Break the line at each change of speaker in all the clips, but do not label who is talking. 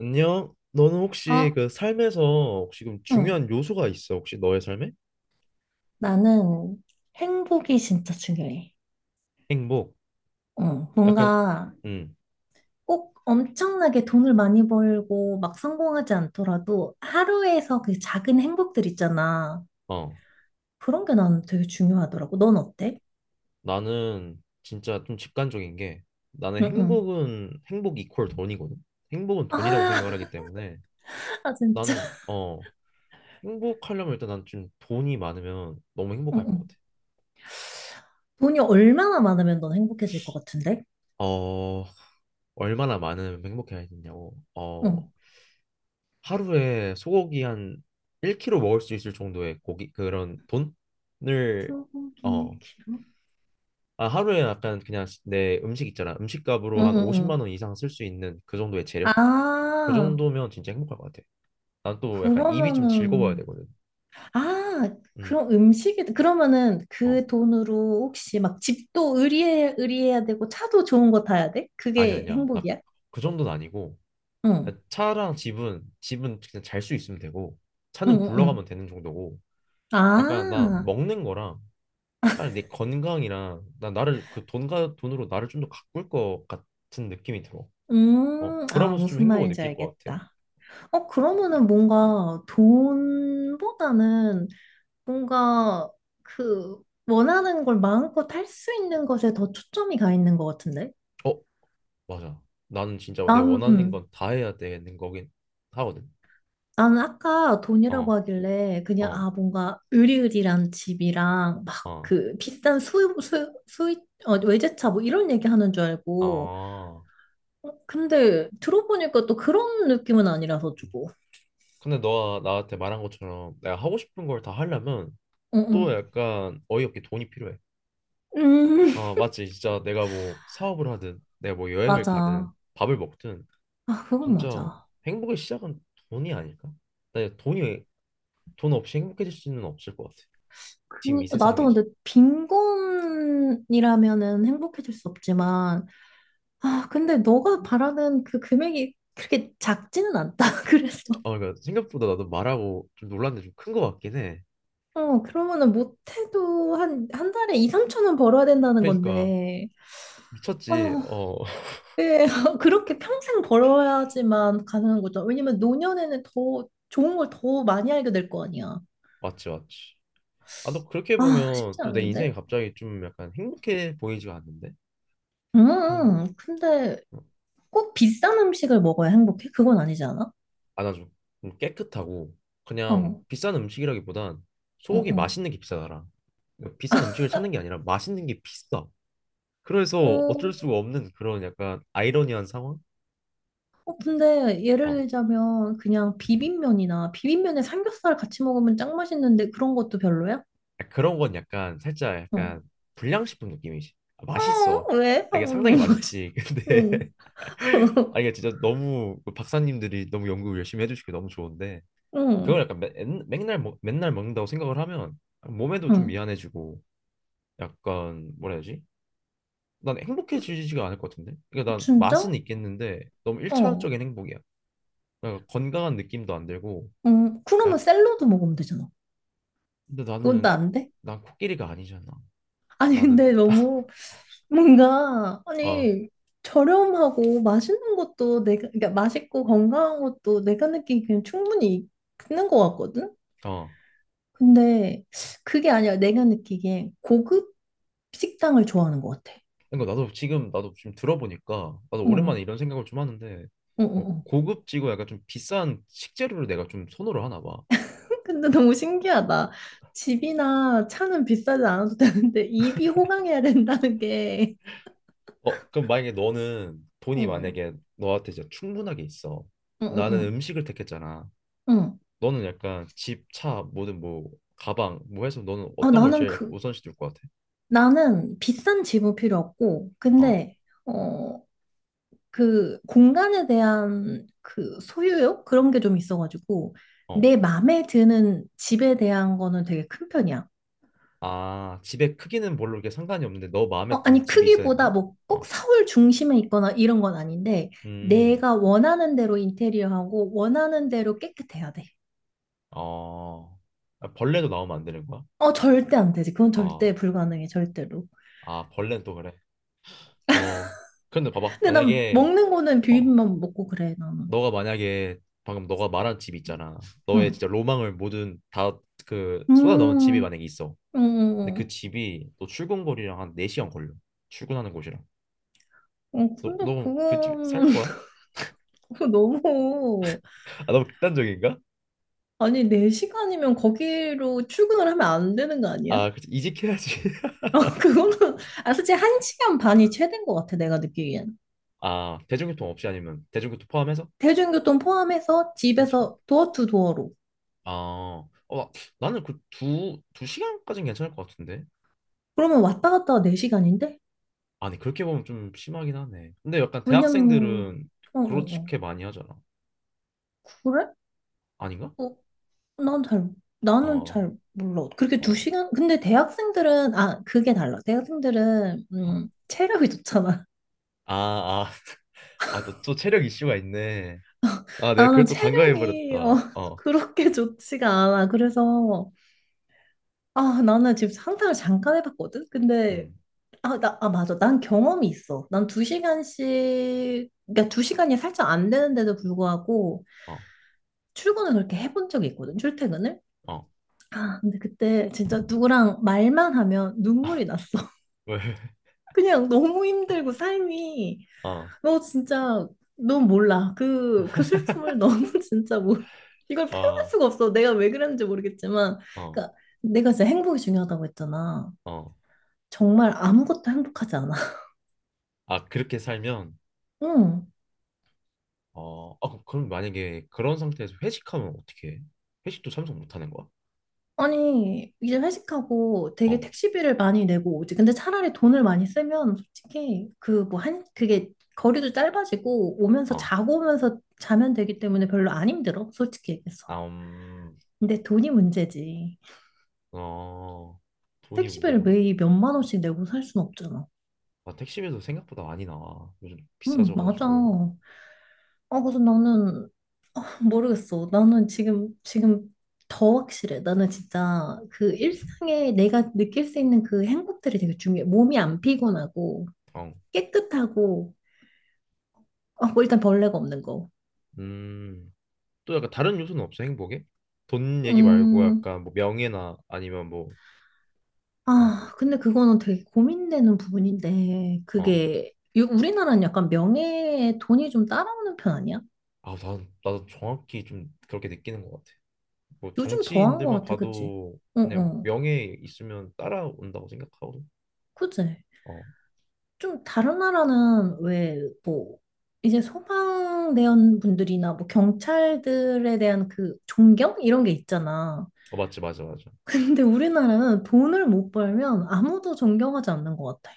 안녕. 너는 혹시
아,
그 삶에서 혹시 그럼
응.
중요한 요소가 있어? 혹시 너의 삶에?
나는 행복이 진짜 중요해.
행복.
응.
약간
뭔가
음.
꼭 엄청나게 돈을 많이 벌고 막 성공하지 않더라도 하루에서 그 작은 행복들 있잖아.
어.
그런 게 나는 되게 중요하더라고. 넌 어때?
나는 진짜 좀 직관적인 게 나는
응, 응.
행복은 행복 이퀄 돈이거든. 행복은 돈이라고
아,
생각을 하기 때문에
아, 진짜.
나는 행복하려면 일단 난 좀 돈이 많으면 너무
응,
행복할 것
응.
같아.
돈이 얼마나 많으면 넌 행복해질 것 같은데?
어, 얼마나 많으면 행복해야 되냐고.
응.
하루에 소고기 한 1kg 먹을 수 있을 정도의 고기 그런 돈을
소고기의
어,
키로?
아, 하루에 약간 그냥 내 음식 있잖아.
응,
음식값으로 한
응,
50만
응.
원 이상 쓸 수 있는 그 정도의 재력. 그
아,
정도면 진짜 행복할 것 같아. 난 또 약간 입이 좀 즐거워야
그러면은
되거든.
아,
음.
그럼 음식이, 그러면은
어.
그 돈으로 혹시 막 집도 의리해야 되고 차도 좋은 거 타야 돼?
아니
그게
아니야. 나
행복이야?
그 정도는 아니고
응,
차랑 집은 그냥 잘 수 있으면 되고
응,
차는
응, 응.
굴러가면 되는 정도고 약간 나
아,
먹는 거랑 빨리 내 건강이랑 나 나를 그 돈과 돈으로 나를 좀 더 가꿀 것 같은 느낌이 들어. 어,
아,
그러면서 좀
무슨
행복을
말인지
느낄 것 같아.
알겠다. 어, 그러면은 뭔가 돈보다는 뭔가 그 원하는 걸 마음껏 할 수 있는 것에 더 초점이 가 있는 것 같은데?
어, 맞아. 나는 진짜 내
난,
원하는
응.
건 다 해야 되는 거긴 하거든.
나는 아까 돈이라고
어,
하길래 그냥
어,
아 뭔가 으리으리한 집이랑 막
어,
그 비싼 어, 외제차 뭐 이런 얘기 하는 줄 알고
아.
어, 근데 들어보니까 또 그런 느낌은 아니라서 주고
근데 너가 나한테 말한 것처럼 내가 하고 싶은 걸 다 하려면
응응
또 약간 어이없게 돈이 필요해.
음.
어, 맞지. 진짜 내가 뭐 사업을 하든 내가 뭐 여행을
맞아
가든
아
밥을 먹든
그건
진짜
맞아
행복의 시작은 돈이 아닐까? 나 돈이 돈 없이 행복해질 수는 없을 것 같아. 지금 이
그 나도
세상에서.
근데 빈곤이라면은 행복해질 수 없지만 아 근데 너가 바라는 그 금액이 그렇게 작지는 않다 그래서
아, 그러니까 생각보다 나도 말하고 좀 놀란 게 좀 큰 것 같긴 해.
어, 그러면은 못해도 한 달에 2, 3천 원 벌어야 된다는
그러니까
건데, 어,
미쳤지. 어,
예, 그렇게 평생 벌어야지만 가능한 거죠. 왜냐면 노년에는 더 좋은 걸 더 많이 알게 될 거 아니야.
맞지, 맞지. 아, 너 그렇게
아,
보면
쉽지
또 내 인생이
않은데?
갑자기 좀 약간 행복해 보이지가 않는데? 그럼
근데 꼭 비싼 음식을 먹어야 행복해? 그건 아니지 않아?
아, 나좀 깨끗하고
어,
그냥
어,
비싼 음식이라기보단 소고기
어.
맛있는 게 비싸더라. 그러니까 비싼 음식을 찾는 게 아니라 맛있는 게 비싸. 그래서 어쩔
어,
수가 없는 그런 약간 아이러니한 상황?
어, 근데 예를
어.
들자면 그냥 비빔면이나 비빔면에 삼겹살 같이 먹으면 짱 맛있는데 그런 것도 별로야?
아, 그런 건 약간 살짝
어.
약간 불량식품 느낌이지. 아, 맛있어.
어, 왜?
아,
어,
이게 상당히
너무 맛있.
맛있지.
응.
근데 아 이게 진짜 너무 그 박사님들이 너무 연구 열심히 해주시고 너무 좋은데 그걸
응.
약간 맨날 맨날 먹는다고 생각을 하면 몸에도 좀
응.
미안해지고 약간 뭐라 해야 되지? 난 행복해지지가 않을 것 같은데. 그러니까 난 맛은
진짜?
있겠는데 너무
어.
일차원적인 행복이야. 그러니까 건강한 느낌도 안 들고
응. 그러면
약
샐러드 먹으면 되잖아.
근데
그건
나는
또 안 돼?
난 코끼리가 아니잖아.
아니,
나는
근데 너무 뭔가
어,
아니 저렴하고 맛있는 것도 내가 그러니까 맛있고 건강한 것도 내가 느끼기엔 충분히 있는 것 같거든.
어.
근데 그게 아니라 내가 느끼기엔 고급 식당을 좋아하는 것 같아.
그러니까 나도 지금 들어보니까 나도 오랜만에
어.
이런 생각을 좀 하는데
어, 어,
어,
어.
고급지고 약간 좀 비싼 식재료를 내가 좀 선호를 하나 봐.
근데 너무 신기하다. 집이나 차는 비싸지 않아도 되는데 입이 호강해야 된다는 게.
어, 그럼 만약에 너는 돈이
응,
만약에 너한테 진짜 충분하게 있어.
응, 응,
나는
응.
음식을 택했잖아.
응.
너는 약간 집, 차, 뭐든 뭐 가방 뭐 해서 너는
아,
어떤 걸
나는
제일 약간
그
우선시 둘 것 같아?
나는 비싼 집은 필요 없고,
어,
근데 어 그 공간에 대한 그 소유욕 그런 게 좀 있어가지고
어.
내 마음에 드는 집에 대한 거는 되게 큰 편이야.
아, 집의 크기는 별로 이렇게 상관이 없는데 너
어,
마음에 드는
아니
집이 있어야 되는
크기보다
거야?
뭐 꼭
어,
서울 중심에 있거나 이런 건 아닌데
음,
내가 원하는 대로 인테리어하고 원하는 대로 깨끗해야 돼.
어, 아, 벌레도 나오면 안 되는 거야?
어, 절대 안 되지. 그건 절대
아.
불가능해, 절대로.
아, 벌레는 또 그래. 어. 근데 봐봐.
근데 난
만약에,
먹는 거는
어,
비빔밥 먹고 그래, 나는.
너가 만약에 방금 너가 말한 집 있잖아. 너의
응.
진짜 로망을 모든 다 그 쏟아 넣은 집이
음,
만약에 있어. 근데 그
어,
집이 너 출근거리랑 한 4시간 걸려. 출근하는 곳이랑.
어, 근데
너그 집
그거는
살 거야?
그거 너무,
아, 너무 극단적인가?
아니, 네 시간이면 거기로 출근을 하면 안 되는 거 아니야?
아, 그치. 이직해야지.
어, 그거는, 아, 솔직히 한 시간 반이 최대인 것 같아, 내가 느끼기엔.
아, 대중교통 없이 아니면 대중교통 포함해서?
대중교통 포함해서
1시간.
집에서 도어 투 도어로.
아, 나는 그 두 시간까지는 괜찮을 것 같은데.
그러면 왔다 갔다 네 시간인데
아니 그렇게 보면 좀 심하긴 하네. 근데 약간
왜냐면,
대학생들은
어, 어, 어.
그렇게 많이 하잖아.
그래?
아닌가?
어, 난 잘, 나는
어,
잘 몰라. 그렇게 두
어,
시간? 근데 대학생들은, 아, 그게 달라. 대학생들은,
어.
체력이 좋잖아.
아, 아, 아, 또, 또 체력 이슈가 있네. 아, 내가 그걸
나는
또 간과해
체력이, 어,
버렸다. 어,
그렇게 좋지가 않아. 그래서, 아, 나는 지금 상상을 잠깐 해봤거든? 근데,
음,
아, 나, 아, 맞아. 난 경험이 있어. 난 두 시간씩, 그러니까 두 시간이 살짝 안 되는데도 불구하고,
어,
출근을 그렇게 해본 적이 있거든, 출퇴근을.
어,
아, 근데 그때 진짜 누구랑 말만 하면 눈물이 났어.
왜?
그냥 너무 힘들고 삶이
어,
너 진짜 넌 몰라 그 슬픔을 너무 진짜 모 이걸 표현할
어,
수가 없어 내가 왜 그랬는지 모르겠지만
어,
그러니까 내가 진짜 행복이 중요하다고 했잖아
어.
정말 아무것도 행복하지 않아
아, 그렇게 살면,
응
어, 아, 그럼 만약에 그런 상태에서 회식하면 어떻게 해? 회식도 참석 못 하는 거야?
아니 이제 회식하고 되게
어,
택시비를 많이 내고 오지 근데 차라리 돈을 많이 쓰면 솔직히 그 뭐 한 그게 거리도 짧아지고 오면서
어,
자고 오면서 자면 되기 때문에 별로 안 힘들어 솔직히 얘기해서
아,
근데 돈이 문제지
어, 돈이
택시비를
문제다.
매일 몇만 원씩 내고 살 순 없잖아.
아, 택시비도 생각보다 많이 나와. 요즘
응, 맞아.
비싸져가지고.
아, 그래서 나는 모르겠어. 나는 지금 더 확실해. 나는 진짜 그 일상에 내가 느낄 수 있는 그 행복들이 되게 중요해. 몸이 안 피곤하고,
어.
깨끗하고, 아, 뭐 일단 벌레가 없는 거.
음. 또 약간 다른 요소는 없어, 행복에? 돈 얘기 말고
음,
약간 뭐 명예나 아니면 뭐, 그런
아,
뭐,
근데 그거는 되게 고민되는 부분인데,
어.
그게, 우리나라는 약간 명예에 돈이 좀 따라오는 편 아니야?
아, 나도 정확히 좀 그렇게 느끼는 것 같아. 뭐
요즘 더한 것
정치인들만
같아, 그치?
봐도
응,
그냥
응.
명예 있으면 따라온다고 생각하거든.
그치?
어.
좀 다른 나라는 왜 뭐 이제 소방대원 분들이나 뭐 경찰들에 대한 그 존경 이런 게 있잖아.
어, 맞지, 맞아, 맞아.
근데 우리나라는 돈을 못 벌면 아무도 존경하지 않는 것 같아.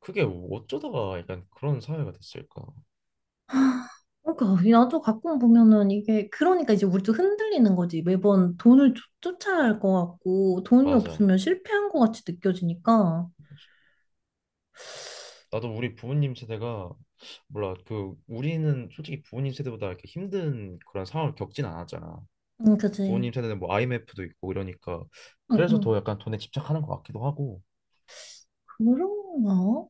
그게 어쩌다가 약간 그런 사회가 됐을까?
하, 그러니까 나도 가끔 보면은 이게 그러니까 이제 우리도 흔들리는 거지. 매번 돈을 쫓아야 할 것 같고 돈이
맞아.
없으면 실패한 것 같이 느껴지니까.
나도 우리 부모님 세대가 몰라 그 우리는 솔직히 부모님 세대보다 이렇게 힘든 그런 상황을 겪진 않았잖아.
응, 그지.
부모님 세대는 뭐 IMF도 있고 이러니까
응,
그래서 더
응.
약간 돈에 집착하는 것 같기도 하고.
그런가?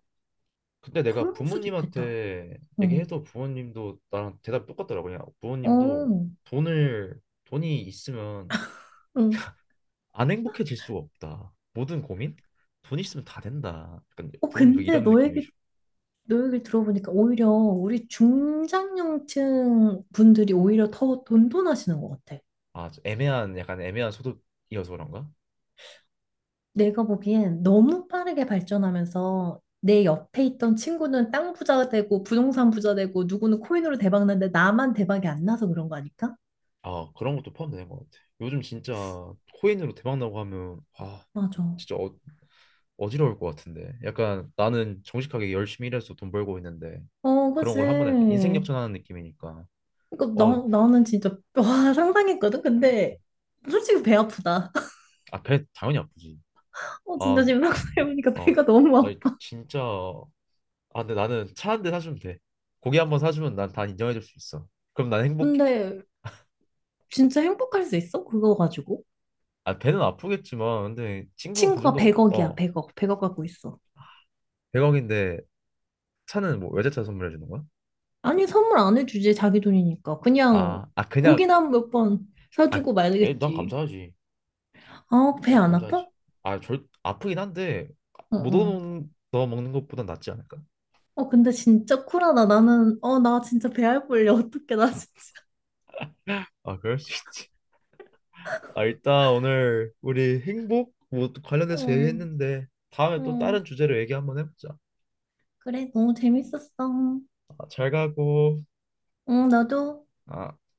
근데 내가
그럴 수도 있겠다.
부모님한테
응.
얘기해도 부모님도 나랑 대답이 똑같더라고. 그냥
어.
부모님도 돈을 돈이 있으면
응.
안 행복해질 수가 없다. 모든 고민 돈 있으면 다 된다. 약간
어,
부모님도
근데
이런 느낌이죠.
너 얘기 들어보니까 오히려 우리 중장년층 분들이 오히려 더 돈돈하시는 것 같아.
아 애매한 약간 애매한 소득이어서 그런가?
내가 보기엔 너무 빠르게 발전하면서 내 옆에 있던 친구는 땅 부자 되고 부동산 부자 되고 누구는 코인으로 대박 났는데 나만 대박이 안 나서 그런 거 아닐까?
아, 그런 것도 포함되는 것 같아. 요즘 진짜 코인으로 대박 나고 하면 아,
맞아.
진짜 어지러울 것 같은데. 약간 나는 정직하게 열심히 일해서 돈 벌고 있는데
어,
그런
그지.
걸 한 번에 약간 인생 역전하는 느낌이니까.
그러니까
어,
나는 진짜 와, 상상했거든. 근데 솔직히 배 아프다.
아, 배 당연히 아프지.
어,
아,
진짜 지금 막상 해보니까
어,
배가 너무
아,
아파.
진짜. 아, 근데 나는 차 1대 사주면 돼. 고기 한 번 사주면 난 다 인정해줄 수 있어. 그럼 난 행복해.
근데 진짜 행복할 수 있어? 그거 가지고?
아, 배는 아프겠지만, 근데 친구가 그
친구가
정도,
100억이야, 100억. 100억 갖고 있어.
100억인데 차는 뭐 외제차 선물해 주는 거야?
아니, 선물 안 해주지, 자기 돈이니까. 그냥
아, 아 그냥
고기나 몇 번
아,
사주고
에이, 난
말겠지.
감사하지.
아, 배
아니,
안 아파?
감사하지. 아, 절 아프긴 한데
어,
못
어.
얻어 먹는 것보단 낫지 않을까?
어, 근데 진짜 쿨하다. 나는, 어, 나 진짜 배 알뿔려. 어떡해, 나 진짜.
아, 그럴 수 있지. 아, 일단 오늘 우리 행복 뭐 관련해서
응,
얘기했는데 다음에 또
응.
다른 주제로 얘기 한번 해보자.
그래, 너무 재밌었어.
아, 잘 가고.
응, 나도.
아.